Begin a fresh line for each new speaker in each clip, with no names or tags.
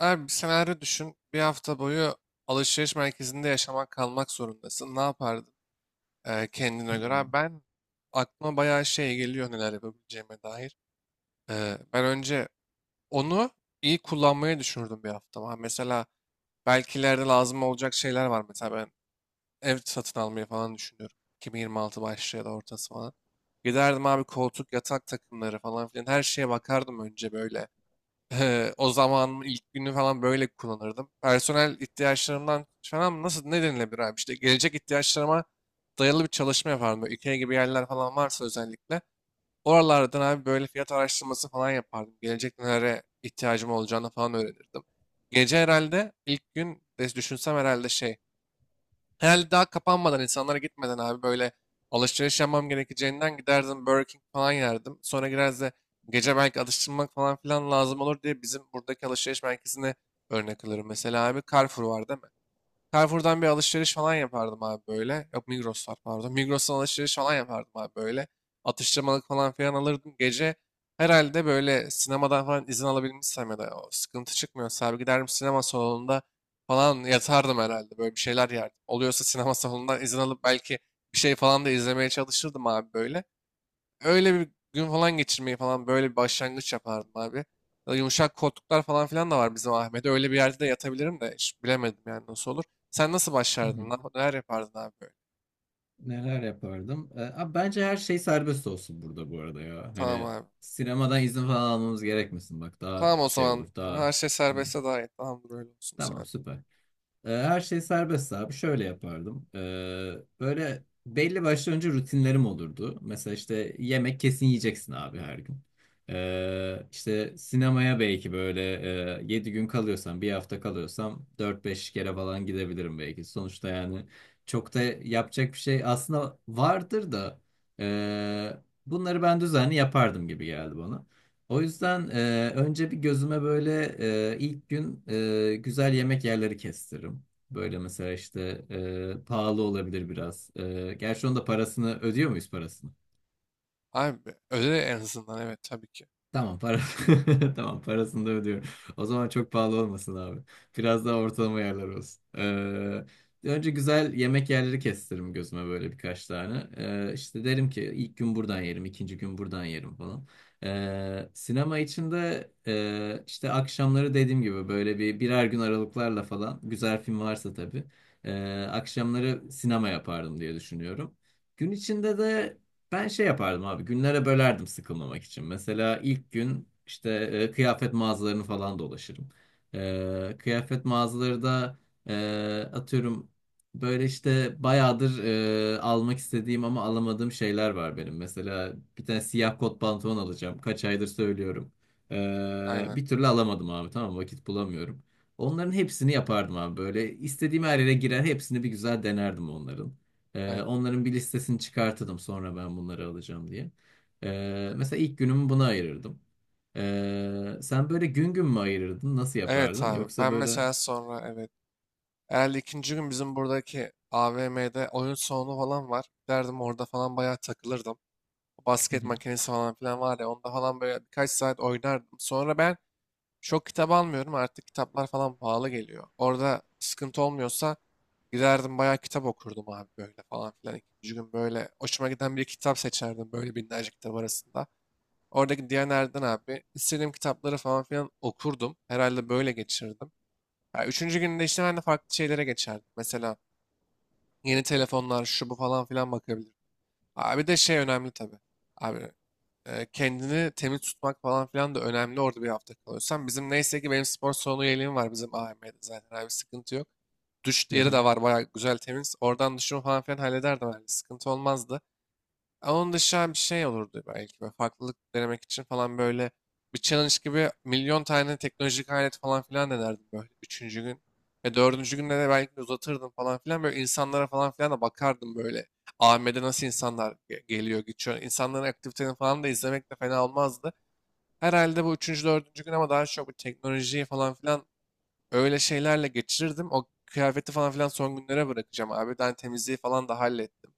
Abi bir senaryo düşün. Bir hafta boyu alışveriş merkezinde yaşamak kalmak zorundasın. Ne yapardın kendine göre? Abi,
Hmm.
ben aklıma bayağı şey geliyor neler yapabileceğime dair. Ben önce onu iyi kullanmayı düşünürdüm bir hafta. Ha, mesela belki ileride lazım olacak şeyler var. Mesela ben ev satın almayı falan düşünüyorum. 2026 başı ya da ortası falan. Giderdim abi, koltuk, yatak takımları falan filan, her şeye bakardım önce böyle. O zaman ilk günü falan böyle kullanırdım. Personel ihtiyaçlarımdan falan, nasıl ne denilebilir abi? İşte gelecek ihtiyaçlarıma dayalı bir çalışma yapardım. Böyle IKEA gibi yerler falan varsa özellikle. Oralardan abi böyle fiyat araştırması falan yapardım. Gelecek nelere ihtiyacım olacağını falan öğrenirdim. Gece herhalde ilk gün de düşünsem herhalde şey, herhalde daha kapanmadan, insanlara gitmeden abi böyle alışveriş yapmam gerekeceğinden giderdim Burger King falan yerdim. Sonra gireriz de gece belki atıştırmak falan filan lazım olur diye bizim buradaki alışveriş merkezine örnek alırım. Mesela abi Carrefour vardı. Carrefour'dan bir alışveriş falan yapardım abi böyle. Yok Migros var, pardon. Migros'tan alışveriş falan yapardım abi böyle. Atıştırmalık falan filan alırdım. Gece herhalde böyle sinemadan falan izin alabilmişsem ya da o sıkıntı çıkmıyorsa abi giderim, sinema salonunda falan yatardım herhalde. Böyle bir şeyler yerdim. Oluyorsa sinema salonundan izin alıp belki bir şey falan da izlemeye çalışırdım abi böyle. Öyle bir gün falan geçirmeyi falan, böyle bir başlangıç yapardım abi. Ya da yumuşak koltuklar falan filan da var bizim Ahmet'e. Öyle bir yerde de yatabilirim de, hiç bilemedim yani nasıl olur. Sen nasıl
Hı hı.
başlardın? Neler yapardın abi böyle?
Neler yapardım? Abi bence her şey serbest olsun burada bu arada ya.
Tamam
Hani
abi.
sinemadan izin falan almamız gerekmesin. Bak daha
Tamam, o
şey olur
zaman
daha.
her şey
Hı.
serbestse daha iyi. Tamam, böyle olsun
Tamam
sen.
süper. Her şey serbest abi. Şöyle yapardım. Böyle belli başlı önce rutinlerim olurdu. Mesela işte yemek kesin yiyeceksin abi her gün. İşte sinemaya belki böyle 7 gün kalıyorsam, bir hafta kalıyorsam dört beş kere falan gidebilirim belki. Sonuçta yani çok da yapacak bir şey aslında vardır da ee, bunları ben düzenli yapardım gibi geldi bana. O yüzden önce bir gözüme böyle ilk gün güzel yemek yerleri kestiririm. Böyle mesela işte pahalı olabilir biraz. Gerçi onun da parasını ödüyor muyuz parasını?
Abi öyle en azından, evet tabii ki.
Tamam para Tamam, parasını da ödüyorum. O zaman çok pahalı olmasın abi. Biraz daha ortalama yerler olsun. Önce güzel yemek yerleri kestiririm gözüme böyle birkaç tane. İşte derim ki ilk gün buradan yerim, ikinci gün buradan yerim falan. Sinema için de işte akşamları dediğim gibi böyle bir birer gün aralıklarla falan güzel film varsa tabii. e, Akşamları sinema yapardım diye düşünüyorum. Gün içinde de ben şey yapardım abi günlere bölerdim sıkılmamak için. Mesela ilk gün işte kıyafet mağazalarını falan dolaşırım. Kıyafet mağazaları da e, atıyorum böyle işte bayağıdır almak istediğim ama alamadığım şeyler var benim. Mesela bir tane siyah kot pantolon alacağım. Kaç aydır söylüyorum.
Aynen,
Bir türlü alamadım abi tamam vakit bulamıyorum. Onların hepsini yapardım abi böyle istediğim her yere girer hepsini bir güzel denerdim onların.
aynen.
Onların bir listesini çıkartırdım sonra ben bunları alacağım diye. Mesela ilk günümü buna ayırırdım. Sen böyle gün gün mü ayırırdın? Nasıl
Evet
yapardın?
abi,
Yoksa
ben
böyle...
mesela sonra, evet. Herhalde ikinci gün bizim buradaki AVM'de oyun salonu falan var. Giderdim orada falan bayağı takılırdım.
Hı
Basket
hı.
makinesi falan filan var ya, onda falan böyle birkaç saat oynardım. Sonra ben çok kitap almıyorum artık, kitaplar falan pahalı geliyor. Orada sıkıntı olmuyorsa giderdim bayağı kitap okurdum abi böyle falan filan. İkinci gün böyle hoşuma giden bir kitap seçerdim böyle binlerce kitap arasında. Oradaki Diyaner'den abi istediğim kitapları falan filan okurdum. Herhalde böyle geçirdim. Ya üçüncü günde işte ben de farklı şeylere geçerdim. Mesela yeni telefonlar, şu bu falan filan bakabilirim. Abi de şey önemli tabii. Abi kendini temiz tutmak falan filan da önemli orada bir hafta kalıyorsan. Bizim neyse ki benim spor salonu üyeliğim var bizim AVM'de zaten, abi sıkıntı yok. Duş yeri
Aha.
de var bayağı güzel, temiz. Oradan duşumu falan filan hallederdim herhalde. Sıkıntı olmazdı. Onun dışında bir şey olurdu belki. Böyle farklılık denemek için falan, böyle bir challenge gibi milyon tane teknolojik alet falan filan denerdim böyle üçüncü gün. Ve dördüncü günde de belki de uzatırdım falan filan. Böyle insanlara falan filan da bakardım böyle. AVM'de nasıl insanlar geliyor, geçiyor. İnsanların aktivitelerini falan da izlemek de fena olmazdı. Herhalde bu üçüncü, dördüncü gün, ama daha çok bu teknolojiyi falan filan, öyle şeylerle geçirirdim. O kıyafeti falan filan son günlere bırakacağım abi. Ben temizliği falan da hallettim,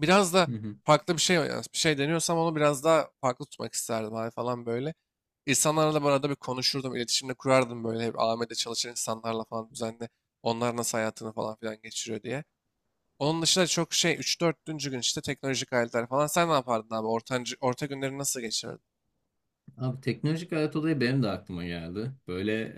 biraz da
Hı hı.
farklı bir şey deniyorsam onu biraz daha farklı tutmak isterdim abi falan böyle. İnsanlarla da bu arada bir konuşurdum, iletişimde kurardım böyle, hep AMD'de çalışan insanlarla falan düzenli. Onlar nasıl hayatını falan filan geçiriyor diye. Onun dışında çok şey, 3 4 gün işte teknolojik aletler falan. Sen ne yapardın abi? Ortancı, orta günleri nasıl geçirirdin?
Abi teknolojik alet olayı benim de aklıma geldi. Böyle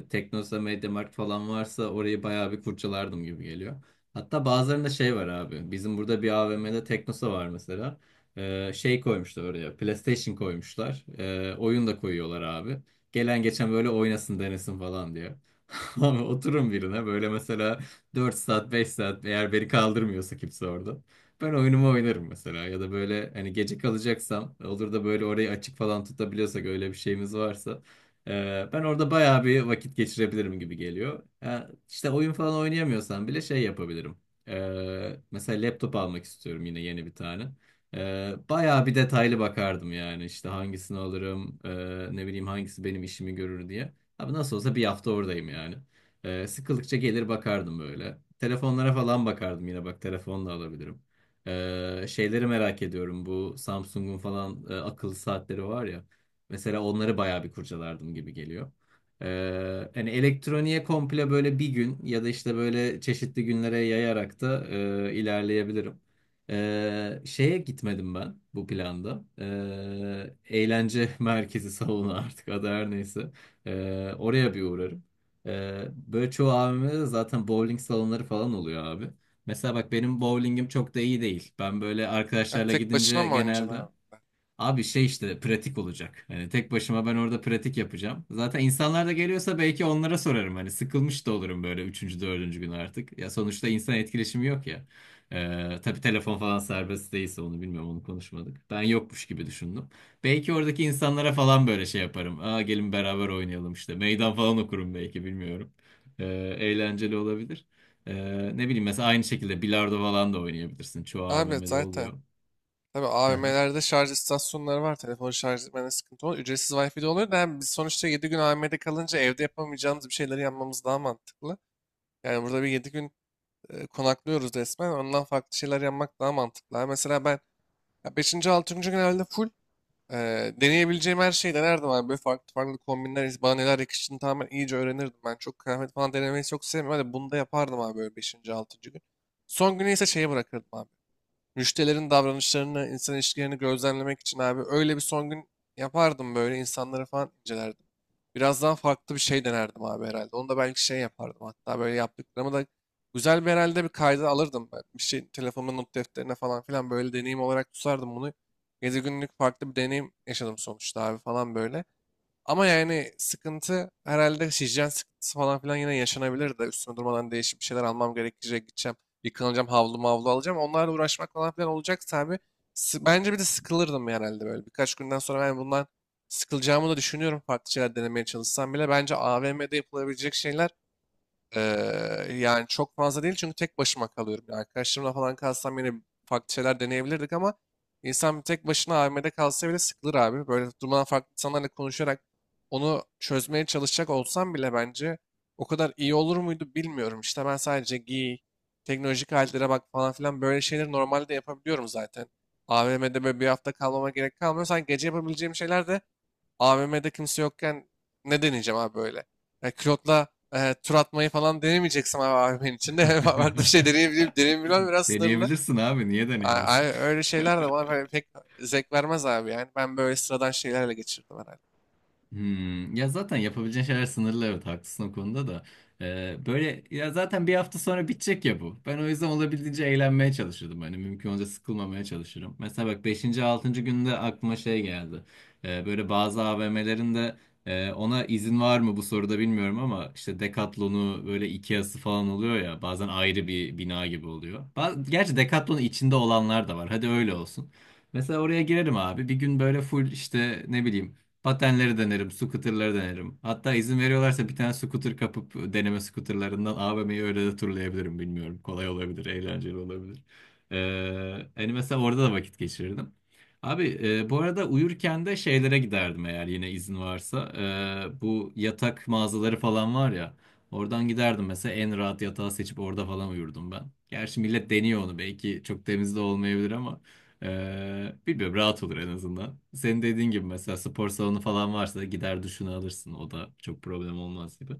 Teknosa, Mediamarkt falan varsa orayı bayağı bir kurcalardım gibi geliyor. Hatta bazılarında şey var abi. Bizim burada bir AVM'de Teknosa var mesela. Şey koymuşlar oraya. PlayStation koymuşlar. Oyun da koyuyorlar abi. Gelen geçen böyle oynasın denesin falan diye. Abi oturun birine böyle mesela 4 saat 5 saat eğer beni kaldırmıyorsa kimse orada. Ben oyunumu oynarım mesela ya da böyle hani gece kalacaksam olur da böyle orayı açık falan tutabiliyorsak öyle bir şeyimiz varsa ben orada bayağı bir vakit geçirebilirim gibi geliyor. Ha, işte oyun falan oynayamıyorsam bile şey yapabilirim. Mesela laptop almak istiyorum yine yeni bir tane. Bayağı bir detaylı bakardım yani işte hangisini alırım ne bileyim hangisi benim işimi görür diye. Abi nasıl olsa bir hafta oradayım yani. Sıkıldıkça gelir bakardım böyle. Telefonlara falan bakardım yine bak telefonla alabilirim. Şeyleri merak ediyorum bu Samsung'un falan akıllı saatleri var ya. Mesela onları bayağı bir kurcalardım gibi geliyor. Hani elektroniğe komple böyle bir gün ya da işte böyle çeşitli günlere yayarak da ilerleyebilirim. Şeye gitmedim ben bu planda. Eğlence merkezi salonu artık adı her neyse. Oraya bir uğrarım. Böyle çoğu AVM'de de zaten bowling salonları falan oluyor abi. Mesela bak benim bowlingim çok da iyi değil. Ben böyle
Ya
arkadaşlarla
tek başına
gidince
mı oynayacaksın
genelde.
abi?
Abi şey işte pratik olacak. Hani tek başıma ben orada pratik yapacağım. Zaten insanlar da geliyorsa belki onlara sorarım. Hani sıkılmış da olurum böyle üçüncü, dördüncü gün artık. Ya sonuçta insan etkileşimi yok ya. Tabii telefon falan serbest değilse onu bilmiyorum onu konuşmadık. Ben yokmuş gibi düşündüm. Belki oradaki insanlara falan böyle şey yaparım. Aa, gelin beraber oynayalım işte. Meydan falan okurum belki bilmiyorum. Ee, Eğlenceli olabilir. Ee, Ne bileyim mesela aynı şekilde bilardo falan da oynayabilirsin. Çoğu
Abi
AVM'de
zaten,
oluyor.
tabii
Aha.
AVM'lerde şarj istasyonları var. Telefonu şarj etmene sıkıntı olur. Ücretsiz Wi-Fi de oluyor da, yani biz sonuçta 7 gün AVM'de kalınca evde yapamayacağımız bir şeyleri yapmamız daha mantıklı. Yani burada bir 7 gün konaklıyoruz resmen. Ondan farklı şeyler yapmak daha mantıklı. Ha, mesela ben beşinci, altıncı gün herhalde full deneyebileceğim her şeyi denerdim abi. Böyle farklı farklı kombinler, bana neler yakıştığını tamamen iyice öğrenirdim. Ben çok kıyafet falan denemeyi çok sevmiyorum. Hadi bunu da yapardım abi böyle beşinci, altıncı gün. Son günü ise şeye bırakırdım abi. Müşterilerin davranışlarını, insan ilişkilerini gözlemlemek için abi, öyle bir son gün yapardım, böyle insanları falan incelerdim. Biraz daha farklı bir şey denerdim abi herhalde. Onu da belki şey yapardım, hatta böyle yaptıklarımı da güzel bir, herhalde bir kayda alırdım ben. Bir şey, telefonumun not defterine falan filan böyle deneyim olarak tutardım bunu. Gezi günlük farklı bir deneyim yaşadım sonuçta abi falan böyle. Ama yani sıkıntı, herhalde hijyen sıkıntısı falan filan yine yaşanabilir de, üstüne durmadan değişik bir şeyler almam gerekecek, gideceğim. Yıkanacağım, havlu mavlu alacağım. Onlarla uğraşmak falan filan olacak tabii. Bence bir de sıkılırdım herhalde böyle. Birkaç günden sonra ben bundan sıkılacağımı da düşünüyorum. Farklı şeyler denemeye çalışsam bile. Bence AVM'de yapılabilecek şeyler yani çok fazla değil, çünkü tek başıma kalıyorum. Yani arkadaşlarımla falan kalsam yine farklı şeyler deneyebilirdik, ama insan bir tek başına AVM'de kalsa bile sıkılır abi. Böyle durmadan farklı insanlarla konuşarak onu çözmeye çalışacak olsam bile, bence o kadar iyi olur muydu bilmiyorum. İşte ben sadece giy, teknolojik aletlere bak falan filan, böyle şeyleri normalde yapabiliyorum zaten. AVM'de böyle bir hafta kalmama gerek kalmıyor. Sanki gece yapabileceğim şeyler de AVM'de kimse yokken, ne deneyeceğim abi böyle? Yani külotla tur atmayı falan denemeyeceksin abi AVM'nin içinde. Farklı bir şey deneyebilirim. Deneyebilirim, biraz sınırlı.
Deneyebilirsin abi. Niye deneyebilirsin?
Öyle şeyler de bana böyle pek zevk vermez abi yani. Ben böyle sıradan şeylerle geçirdim herhalde.
Ya zaten yapabileceğin şeyler sınırlı evet haklısın o konuda da. Böyle ya zaten bir hafta sonra bitecek ya bu. Ben o yüzden olabildiğince eğlenmeye çalışırdım. Hani mümkün olunca sıkılmamaya çalışırım. Mesela bak beşinci 6. günde aklıma şey geldi. Böyle bazı AVM'lerin de ona izin var mı bu soruda bilmiyorum ama işte Decathlon'u böyle Ikea'sı falan oluyor ya bazen ayrı bir bina gibi oluyor. Gerçi Decathlon'un içinde olanlar da var. Hadi öyle olsun. Mesela oraya girerim abi. Bir gün böyle full işte ne bileyim patenleri denerim, scooter'ları denerim. Hatta izin veriyorlarsa bir tane scooter kapıp deneme scooter'larından AVM'yi öyle de turlayabilirim bilmiyorum. Kolay olabilir, eğlenceli olabilir. Hani mesela orada da vakit geçirirdim. Abi bu arada uyurken de şeylere giderdim eğer yine izin varsa. Bu yatak mağazaları falan var ya. Oradan giderdim mesela en rahat yatağı seçip orada falan uyurdum ben. Gerçi millet deniyor onu belki çok temiz de olmayabilir ama bilmiyorum rahat olur en azından. Senin dediğin gibi mesela spor salonu falan varsa gider duşunu alırsın. O da çok problem olmaz gibi.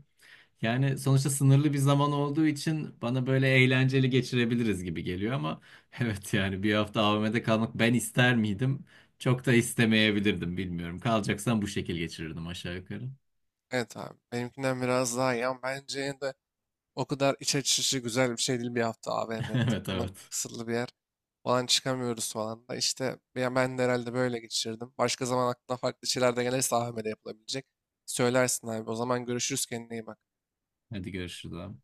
Yani sonuçta sınırlı bir zaman olduğu için bana böyle eğlenceli geçirebiliriz gibi geliyor ama evet yani bir hafta AVM'de kalmak ben ister miydim? Çok da istemeyebilirdim bilmiyorum. Kalacaksan bu şekil geçirirdim aşağı yukarı.
Evet abi. Benimkinden biraz daha iyi, ama bence yine de o kadar iç açıcı, güzel bir şey değil bir hafta AVM'de
Evet,
takılmak,
evet.
kısıtlı bir yer. Falan çıkamıyoruz falan da. İşte ben de herhalde böyle geçirdim. Başka zaman aklına farklı şeyler de gelirse AVM'de yapılabilecek. Söylersin abi. O zaman görüşürüz, kendine iyi bak.
Hadi görüşürüz abi.